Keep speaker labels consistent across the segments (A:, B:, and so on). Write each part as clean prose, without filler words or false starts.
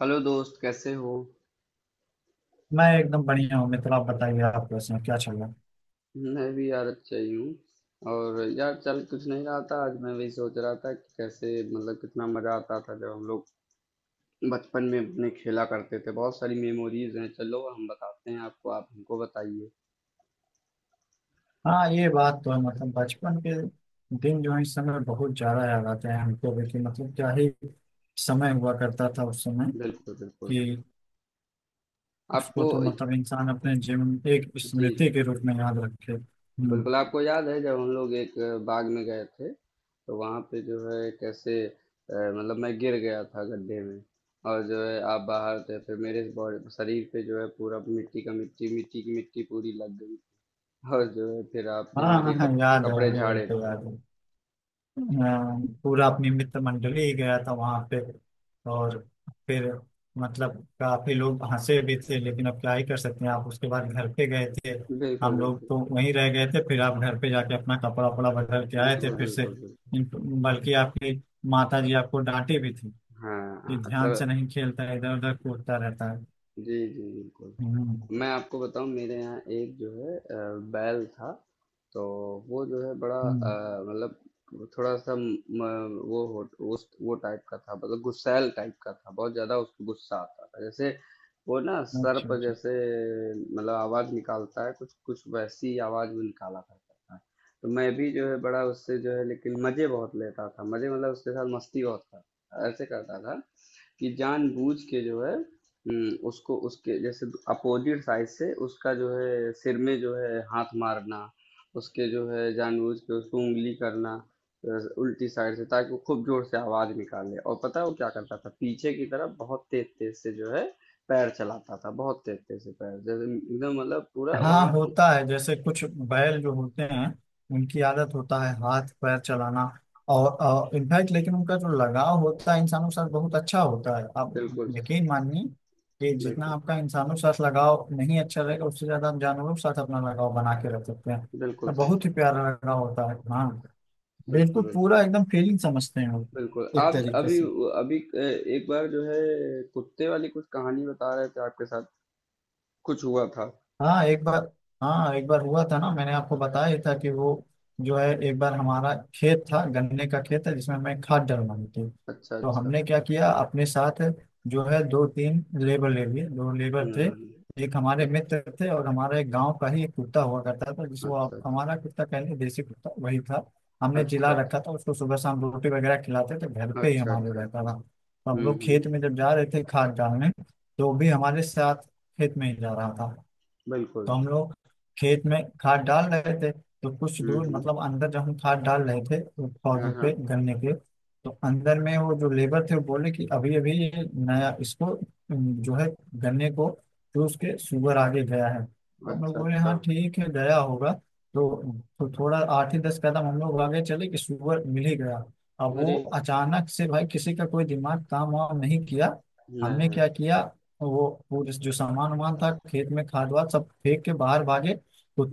A: Hello दोस्त, कैसे हो?
B: मैं एकदम बढ़िया हूँ मित्र। आप बताइए, आप कैसे हैं? क्या चल रहा है?
A: मैं भी यार अच्छा ही हूँ। और यार, चल कुछ नहीं रहा था। आज मैं वही सोच रहा था कि कैसे, मतलब कितना मजा आता था जब हम लोग बचपन में अपने खेला करते थे। बहुत सारी मेमोरीज हैं। चलो, हम बताते हैं आपको, आप हमको बताइए।
B: हाँ, ये बात तो है। मतलब बचपन के दिन जो है इस समय बहुत ज्यादा याद आते हैं हमको भी कि मतलब क्या ही समय हुआ करता था उस समय
A: बिल्कुल, बिल्कुल।
B: कि उसको
A: आपको।
B: तो मतलब इंसान अपने जीवन में एक
A: जी,
B: स्मृति
A: जी।
B: के रूप में याद रखे। हम्म।
A: बिल्कुल, आपको याद है जब हम लोग एक बाग में गए थे, तो वहाँ पे जो है कैसे, मतलब मैं गिर गया था गड्ढे में। और जो है आप बाहर थे, फिर मेरे बॉडी, शरीर पे जो है पूरा मिट्टी का, मिट्टी मिट्टी की मिट्टी पूरी लग गई। और जो है फिर
B: हाँ
A: आपने मुझे
B: हाँ हाँ, याद है,
A: कपड़े
B: वो भी
A: झाड़े
B: तो
A: थे।
B: याद है। अ, पूरा अपनी मित्र मंडली ही गया था वहां पे। और फिर मतलब काफी लोग हंसे भी थे, लेकिन अब क्या ही कर सकते हैं। आप उसके बाद घर पे गए थे,
A: बिल्कुल,
B: हम लोग
A: बिल्कुल,
B: तो वहीं रह गए थे। फिर आप घर पे जाके अपना कपड़ा वपड़ा बदल के आए थे
A: बिल्कुल,
B: फिर से।
A: बिल्कुल, बिल्कुल।
B: इन- बल्कि आपकी माता जी आपको डांटे भी थी
A: हाँ,
B: कि
A: हाँ, अच्छा,
B: ध्यान से नहीं खेलता, इधर उधर कूदता रहता है।
A: जी, जी, बिल्कुल।
B: हम्म।
A: मैं आपको बताऊं, मेरे यहाँ एक जो है बैल था। तो वो जो है बड़ा
B: हम्म।
A: मतलब थोड़ा सा म, म- वो हो, उस वो टाइप का था, मतलब गुस्सैल टाइप का था। बहुत ज्यादा उसको गुस्सा आता था। जैसे वो ना सर
B: अच्छा।
A: पर
B: अच्छा।
A: जैसे, मतलब आवाज निकालता है, कुछ कुछ वैसी आवाज वो निकाला करता था। तो मैं भी जो है बड़ा उससे जो है, लेकिन मजे बहुत लेता था, मजे मतलब उसके साथ मस्ती बहुत करता था। ऐसे करता था कि जानबूझ के जो है, उसको उसके जैसे अपोज़िट साइड से उसका जो है सिर में जो है हाथ मारना, उसके जो है जानबूझ के उसको उँगली करना, अ, उल्टी साइड से, ताकि वो खूब ज़ोर से आवाज़ निकाले। और पता है वो क्या करता था? पीछे की तरफ बहुत तेज़-तेज़ से जो है पैर चलाता था, बहुत तेज़-तेज़ से पैर, जैसे एकदम मतलब पूरा
B: हाँ,
A: वहाँ की।
B: होता है जैसे कुछ बैल जो होते हैं, उनकी आदत होता है हाथ पैर चलाना। और इनफैक्ट लेकिन उनका जो लगाव होता है इंसानों के साथ बहुत अच्छा होता है। आप
A: बिल्कुल,
B: यकीन मानिए कि जितना
A: बिल्कुल,
B: आपका इंसानों के साथ लगाव नहीं अच्छा रहेगा, उससे ज्यादा आप जानवरों के साथ अपना लगाव बना के रख सकते हैं।
A: बिल्कुल
B: तो
A: सही,
B: बहुत ही प्यारा लगाव होता है। हाँ।
A: बिल्कुल,
B: बिल्कुल
A: बिल्कुल,
B: पूरा एकदम फीलिंग समझते हैं वो,
A: बिल्कुल।
B: एक
A: आप ज
B: तरीके
A: अभी
B: से।
A: व अभी अ, एक बार जो है कुत्ते वाली कुछ कहानी बता रहे थे आपके साथ, कुछ हुआ था।
B: हाँ, एक बार। हाँ, एक बार हुआ था ना, मैंने आपको बताया ही था कि वो जो है एक बार हमारा खेत था, गन्ने का खेत है जिसमें मैं खाद डलवानी थी।
A: अच्छा,
B: तो
A: अच्छा।
B: हमने क्या किया, अपने साथ जो है दो तीन लेबर ले लिए। दो लेबर थे,
A: हुँ,
B: एक हमारे मित्र थे, और हमारे गांव का ही एक कुत्ता हुआ करता था जिसको
A: अच्छा, अच्छा,
B: हमारा कुत्ता कहते, देसी कुत्ता वही था। हमने
A: अच्छा,
B: जिला रखा
A: अच्छा,
B: था उसको, सुबह शाम रोटी वगैरह खिलाते थे, घर पे ही
A: अच्छा,
B: हमारे
A: अच्छा,
B: रहता
A: अच्छा।
B: था। तो हम
A: हुँ,
B: लोग खेत
A: हुँ,
B: में जब जा रहे थे खाद डालने, तो वो भी हमारे साथ खेत में ही जा रहा था। तो
A: बिल्कुल।
B: हम लोग खेत में खाद डाल रहे थे। तो कुछ
A: हुँ,
B: दूर,
A: हुँ।
B: मतलब अंदर जब हम खाद डाल रहे थे वो
A: हाँ,
B: पौधों पे
A: हाँ।
B: गन्ने के, तो अंदर में वो जो लेबर थे वो बोले कि अभी अभी ये नया, इसको जो है गन्ने को चूस के शुगर आगे गया है। तो हम लोग
A: अच्छा,
B: बोले
A: अच्छा।
B: हाँ ठीक है, गया होगा। तो, तो थोड़ा 8 ही 10 कदम हम लोग आगे चले कि शुगर मिल ही गया। अब वो
A: अरे!
B: अचानक से, भाई किसी का कोई दिमाग काम वाम नहीं किया।
A: हाँ,
B: हमने क्या
A: हाँ।
B: किया, तो वो जो सामान वामान था खेत में, खाद वाद सब फेंक के बाहर भागे।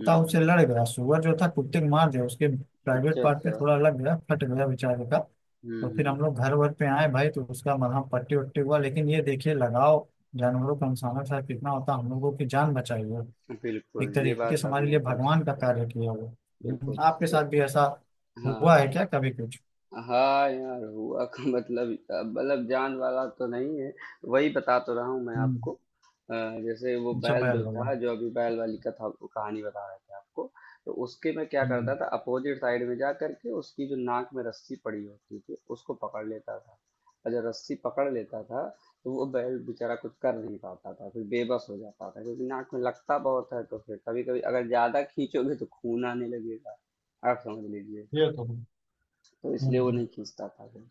A: हुँ,
B: उससे
A: हुँ।
B: लड़ गया, सुअर जो था कुत्ते को मार दिया, उसके
A: अच्छा,
B: प्राइवेट पार्ट पे
A: अच्छा।
B: थोड़ा लग गया, फट गया बेचारे का।
A: हुँ,
B: तो फिर
A: हुँ।
B: हम लोग घर वर पे आए भाई, तो उसका मलहम पट्टी वट्टी हुआ। लेकिन ये देखिए लगाओ, जानवरों का इंसानों के साथ कितना होता है, हम लोगों की जान बचाई है।
A: बिल्कुल,
B: एक
A: ये
B: तरीके
A: बात
B: से हमारे
A: आपने
B: लिए
A: एकदम
B: भगवान
A: सही
B: का
A: कही।
B: कार्य किया वो। हम्म।
A: बिल्कुल,
B: आपके
A: तो
B: साथ भी ऐसा
A: हाँ,
B: हुआ है
A: हाँ।
B: क्या कभी कुछ?
A: हाँ यार, हुआ का मतलब जान वाला तो नहीं है। वही बता तो रहा हूँ मैं आपको।
B: हम्म।
A: अ, जैसे वो
B: अच्छा,
A: बैल
B: बैल
A: जो
B: वाला।
A: था, जो अभी बैल वाली कथा कहानी बता रहे थे आपको। तो उसके मैं क्या करता
B: हम्म।
A: था, अपोजिट साइड में जा करके उसकी जो नाक में रस्सी पड़ी होती थी उसको पकड़ लेता था। और जब रस्सी पकड़ लेता था, तो वो बैल बेचारा कुछ कर नहीं पाता था, फिर बेबस हो जाता था, क्योंकि नाक में लगता बहुत है। तो फिर कभी कभी अगर ज्यादा खींचोगे तो खून आने लगेगा, आप समझ लीजिए।
B: ये तो है।
A: तो इसलिए वो नहीं
B: हम्म।
A: खींचता था फिर।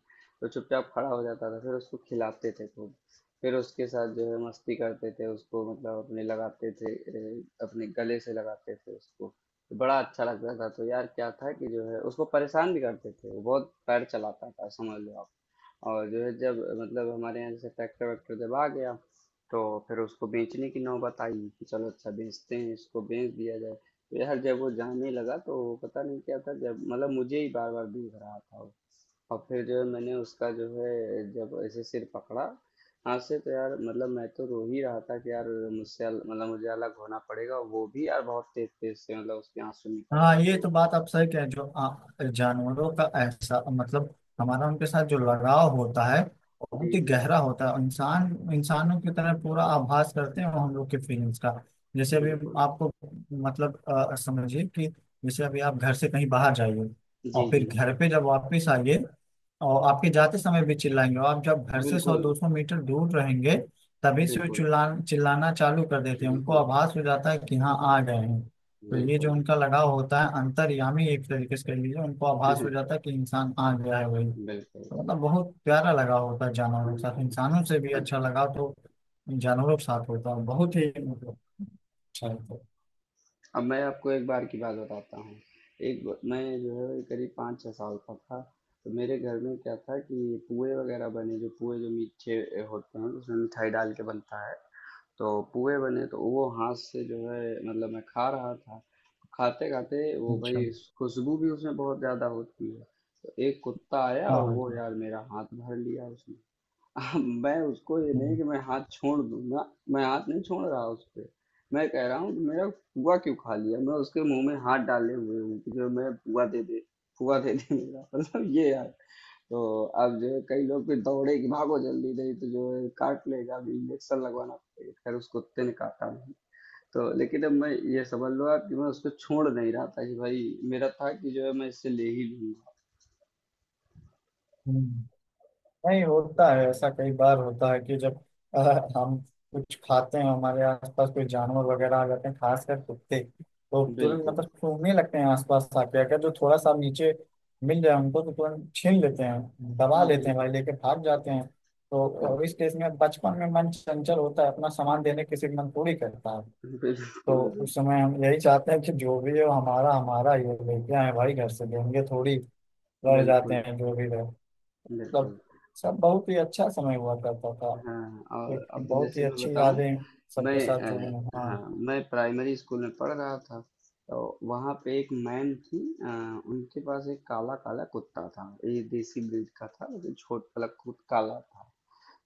A: तो चुपचाप खड़ा हो जाता था, फिर उसको खिलाते थे खूब। फिर उसके साथ जो है मस्ती करते थे, उसको मतलब अपने लगाते थे, अपने गले से लगाते थे उसको। तो बड़ा अच्छा लगता था। तो यार क्या था कि जो है उसको परेशान भी करते थे, वो बहुत पैर चलाता था, समझ लो आप। और जो है जब मतलब हमारे यहाँ जैसे ट्रैक्टर वैक्टर जब आ गया, तो फिर उसको बेचने की नौबत आई कि चलो अच्छा बेचते हैं, इसको बेच दिया जाए। तो यार जब वो जाने लगा तो पता नहीं क्या था, जब मतलब मुझे ही बार बार देख रहा था वो। और फिर जो है मैंने उसका जो है जब ऐसे सिर पकड़ा हाथ से, तो यार मतलब मैं तो रो ही रहा था कि यार मुझसे मतलब मुझे अलग होना पड़ेगा। वो भी यार बहुत तेज तेज से, मतलब उसके आंसू निकल
B: हाँ,
A: रहे
B: ये
A: थे।
B: तो बात आप सही कह रहे हैं। जो जानवरों का ऐसा, मतलब हमारा उनके साथ जो लगाव होता है वो बहुत
A: जी,
B: ही
A: जी,
B: गहरा होता है। इंसान, इंसानों की तरह पूरा आभास करते हैं वो हम लोग के फीलिंग्स का। जैसे अभी
A: बिल्कुल,
B: आपको, मतलब समझिए कि जैसे अभी आप घर से कहीं बाहर जाइए
A: जी,
B: और
A: जी,
B: फिर घर पे जब वापस आइए, और आपके जाते समय भी चिल्लाएंगे, और आप जब घर से सौ
A: बिल्कुल,
B: दो सौ मीटर दूर रहेंगे तभी से वो
A: बिल्कुल,
B: चिल्ला चिल्लाना चालू कर देते हैं। उनको
A: बिल्कुल,
B: आभास हो जाता है कि हाँ आ गए हैं। तो ये जो
A: बिल्कुल,
B: उनका लगाव होता है, अंतर्यामी एक तरीके से कह लीजिए, उनको आभास हो
A: बिल्कुल।
B: जाता है कि इंसान आ गया है वही।
A: बिल्कुल।
B: तो मतलब बहुत प्यारा लगाव होता है जानवरों के
A: हुँ,
B: साथ, इंसानों से भी
A: अब
B: अच्छा लगाव तो जानवरों के साथ होता है, बहुत ही मतलब अच्छा होता है तो।
A: अब मैं आपको एक बार की बात बताता हूँ। एक ब मैं जो है करीब 5-6 साल का था। तो मेरे घर में क्या था कि पुए वग़ैरह बने, जो पुए जो मीठे होते हैं, जिसमें मिठाई डाल के बनता है। तो पुए बने, तो वो हाथ से जो है मतलब मैं खा रहा था। खाते-खाते वो
B: अच्छा।
A: भई खुशबू भी उसमें बहुत ज़्यादा होती है, तो एक कुत्ता आया और
B: हाँ।
A: वो यार मेरा हाथ भर लिया उसने। अब मैं उसको ये नहीं
B: हम्म।
A: कि मैं हाथ छोड़ दूंगा, मैं हाथ नहीं छोड़ रहा उस पे। मैं कह रहा हूँ कि मेरा फुआ क्यों खा लिया, मैं उसके मुंह में हाथ डाले हुए हूँ कि जो मैं फुआ दे दे, फुआ दे दे मेरा मतलब ये यार। तो अब जो है कई लोग फिर दौड़े कि भागो जल्दी, नहीं तो जो है काट लेगा, अभी इंजेक्शन लगवाना पड़ेगा। खैर, उस कुत्ते ने काटा नहीं। तो लेकिन अब मैं, ये समझ लो आप कि मैं उसको छोड़ नहीं रहा था, कि भाई मेरा था कि जो है मैं इससे ले ही लूंगा।
B: हम्म। नहीं, होता है ऐसा, कई बार होता है कि जब अ, हम कुछ खाते हैं हमारे आसपास कोई जानवर वगैरह आ जाते हैं, खासकर कुत्ते, तो तुरंत
A: बिल्कुल,
B: मतलब सूंघने लगते हैं। आसपास आके अगर जो थोड़ा सा नीचे मिल जाए उनको तो तुरंत छीन लेते हैं, दबा लेते हैं भाई, लेके भाग जाते हैं। तो और इस
A: बिल्कुल,
B: केस में बचपन में मन चंचल होता है, अपना सामान देने किसी का मन थोड़ी करता है। तो
A: बिल्कुल,
B: उस समय हम यही चाहते हैं कि जो भी हो, हमारा हमारा ये लेके आए भाई, घर से देंगे थोड़ी। लड़ जाते
A: बिल्कुल,
B: हैं जो भी रहे। मतलब
A: बिल्कुल,
B: सब बहुत ही अच्छा समय हुआ करता था,
A: हाँ।
B: एक
A: और अब
B: बहुत ही
A: जैसे मैं
B: अच्छी
A: बताऊँ,
B: यादें
A: मैं
B: सबके साथ जुड़ी हैं। हाँ।
A: हाँ, मैं प्राइमरी स्कूल में पढ़ रहा था। तो वहाँ पे एक मैम थी, अ, उनके पास एक काला-काला कुत्ता था। ये देसी ब्रीड का था, लेकिन छोट वाला कुत काला था।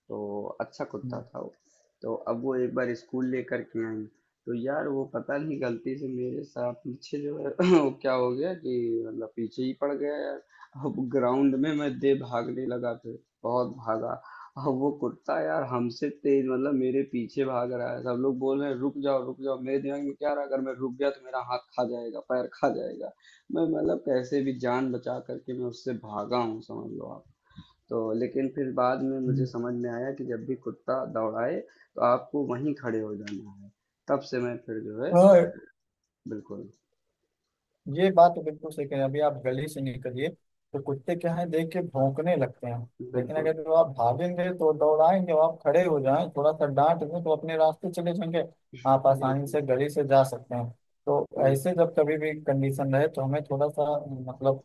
A: तो अच्छा कुत्ता
B: हम्म।
A: था वो। तो अब वो एक बार स्कूल लेकर के आई। तो यार वो पता नहीं गलती से मेरे साथ पीछे जो है वो क्या हो गया कि मतलब पीछे ही पड़ गया यार। अब ग्राउंड में मैं दे भागने लगा फिर, बहुत भागा। अब वो कुत्ता यार हमसे तेज, मतलब मेरे पीछे भाग रहा है। सब लोग बोल रहे हैं रुक जाओ, रुक जाओ, मेरे दिमाग में क्या रहा, अगर मैं रुक गया तो मेरा हाथ खा जाएगा, पैर खा जाएगा। मैं मतलब कैसे भी जान बचा करके मैं उससे भागा हूँ, समझ लो आप। तो लेकिन फिर बाद में मुझे
B: हम्म।
A: समझ में आया कि जब भी कुत्ता दौड़ाए, तो आपको वहीं खड़े हो जाना है। तब से मैं फिर जो है,
B: और
A: बिल्कुल,
B: ये बात तो बिल्कुल सही कहें, अभी आप गली से निकलिए तो कुत्ते क्या है देख के भौंकने लगते हैं। लेकिन
A: बिल्कुल,
B: अगर जो आप भागेंगे तो दौड़ाएंगे, और आप खड़े हो जाएं, थोड़ा सा डांट दें तो अपने रास्ते चले जाएंगे। आप आसानी
A: बिल्कुल,
B: से गली से जा सकते हैं। तो ऐसे
A: बिल्कुल,
B: जब कभी भी कंडीशन रहे तो हमें थोड़ा सा मतलब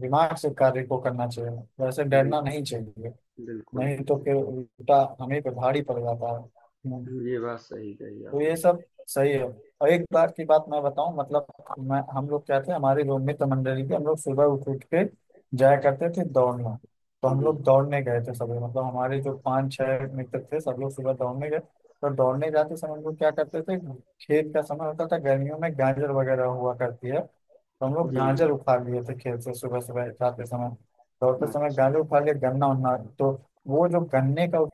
B: दिमाग से कार्य को करना चाहिए, वैसे डरना
A: बिल्कुल,
B: नहीं चाहिए।
A: बिल्कुल,
B: नहीं तो
A: बिल्कुल।
B: फिर उल्टा हमें पे भारी पड़ जाता है। हम्म।
A: ये बात सही कही
B: तो ये
A: आपने।
B: सब सही है। और एक बार की बात मैं बताऊं, मतलब मैं, हम लोग क्या थे, हमारे लोग मित्र मंडली के हम लोग सुबह उठ उठ के जाया करते थे दौड़ना। तो हम
A: जी,
B: लोग दौड़ने गए थे सब लोग, मतलब हमारे जो पांच छह मित्र थे सब लोग सुबह दौड़ने गए। तो दौड़ने जाते समय हम लोग क्या करते थे, खेत का समय होता था गर्मियों में, गाजर वगैरह हुआ करती है। तो हम लोग
A: जी, जी,
B: गाजर उखाड़ लिए थे खेत से सुबह सुबह जाते समय, दौड़ते समय
A: अच्छा,
B: गाजर उखाड़ लिए, गन्ना उन्ना। तो वो जो गन्ने का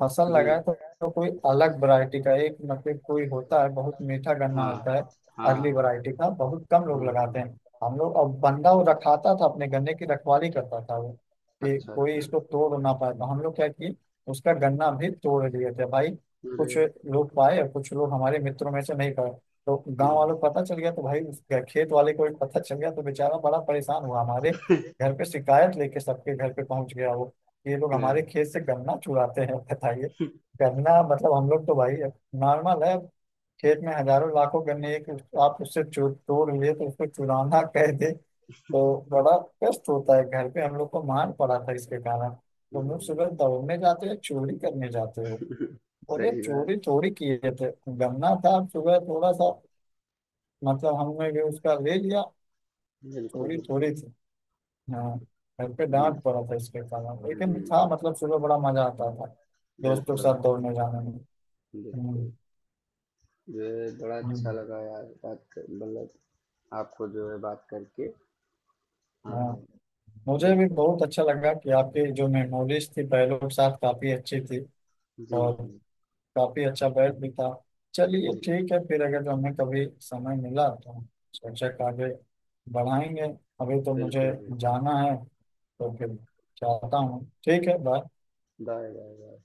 B: फसल
A: जी,
B: लगाए, तो कोई अलग वैरायटी का एक, मतलब कोई होता है बहुत मीठा गन्ना
A: हाँ,
B: होता है,
A: हाँ,
B: अर्ली
A: हाँ,
B: वैरायटी का, बहुत कम लोग लगाते
A: हाँ,
B: हैं। हम लोग, अब बंदा वो रखाता था अपने गन्ने की रखवाली करता था वो, कि
A: अच्छा,
B: कोई
A: अच्छा,
B: इसको तोड़ ना पाए। तो हम लोग क्या किए, उसका गन्ना भी तोड़ लिए थे भाई।
A: अरे,
B: कुछ लोग पाए और कुछ लोग हमारे मित्रों में से नहीं पाए, तो गांव
A: हम्म,
B: वालों को पता चल गया तो भाई उसके खेत वाले को भी पता चल गया तो बेचारा बड़ा परेशान हुआ, हमारे घर पे शिकायत लेके सबके घर पे पहुंच गया वो, ये लोग हमारे
A: अरे,
B: खेत से गन्ना चुराते हैं बताइए। गन्ना, मतलब हम लोग तो भाई नॉर्मल है, खेत में हजारों लाखों गन्ने, एक आप उससे तोड़ लिए तो उसको चुराना कह दे तो बड़ा कष्ट होता है। घर पे हम लोग को मार पड़ा था इसके कारण, तुम लोग
A: हम्म,
B: सुबह दौड़ने जाते हो चोरी करने जाते हो। बोले
A: सही बात,
B: चोरी थोड़ी किए थे, गन्ना था सुबह, थोड़ा सा मतलब हमने भी उसका ले लिया,
A: बिल्कुल,
B: चोरी
A: बिल्कुल,
B: थोड़ी थी। हाँ। घर पे
A: जी,
B: डांट पड़ा था इसके कारण, लेकिन था
A: जी,
B: मतलब सुबह बड़ा मजा आता था दोस्तों के
A: बिल्कुल,
B: साथ दौड़ने जाने में।
A: बिल्कुल।
B: हम्म।
A: ये बड़ा अच्छा
B: हम्म।
A: लगा यार बात कर, मतलब आपको जो है बात करके।
B: हाँ,
A: हाँ,
B: मुझे भी
A: बिल्कुल,
B: बहुत अच्छा लगा कि आपकी जो मेमोरीज थी पहलों के साथ काफी अच्छी थी।
A: जी,
B: और
A: जी,
B: काफी अच्छा बैठ भी था। चलिए
A: जी,
B: ठीक है फिर, अगर हमें कभी समय मिला तो सोचा कि आगे बढ़ाएंगे। अभी तो मुझे
A: बिल्कुल, बिल्कुल।
B: जाना है, तो फिर जाता हूँ। ठीक है, बाय।
A: Bye, bye.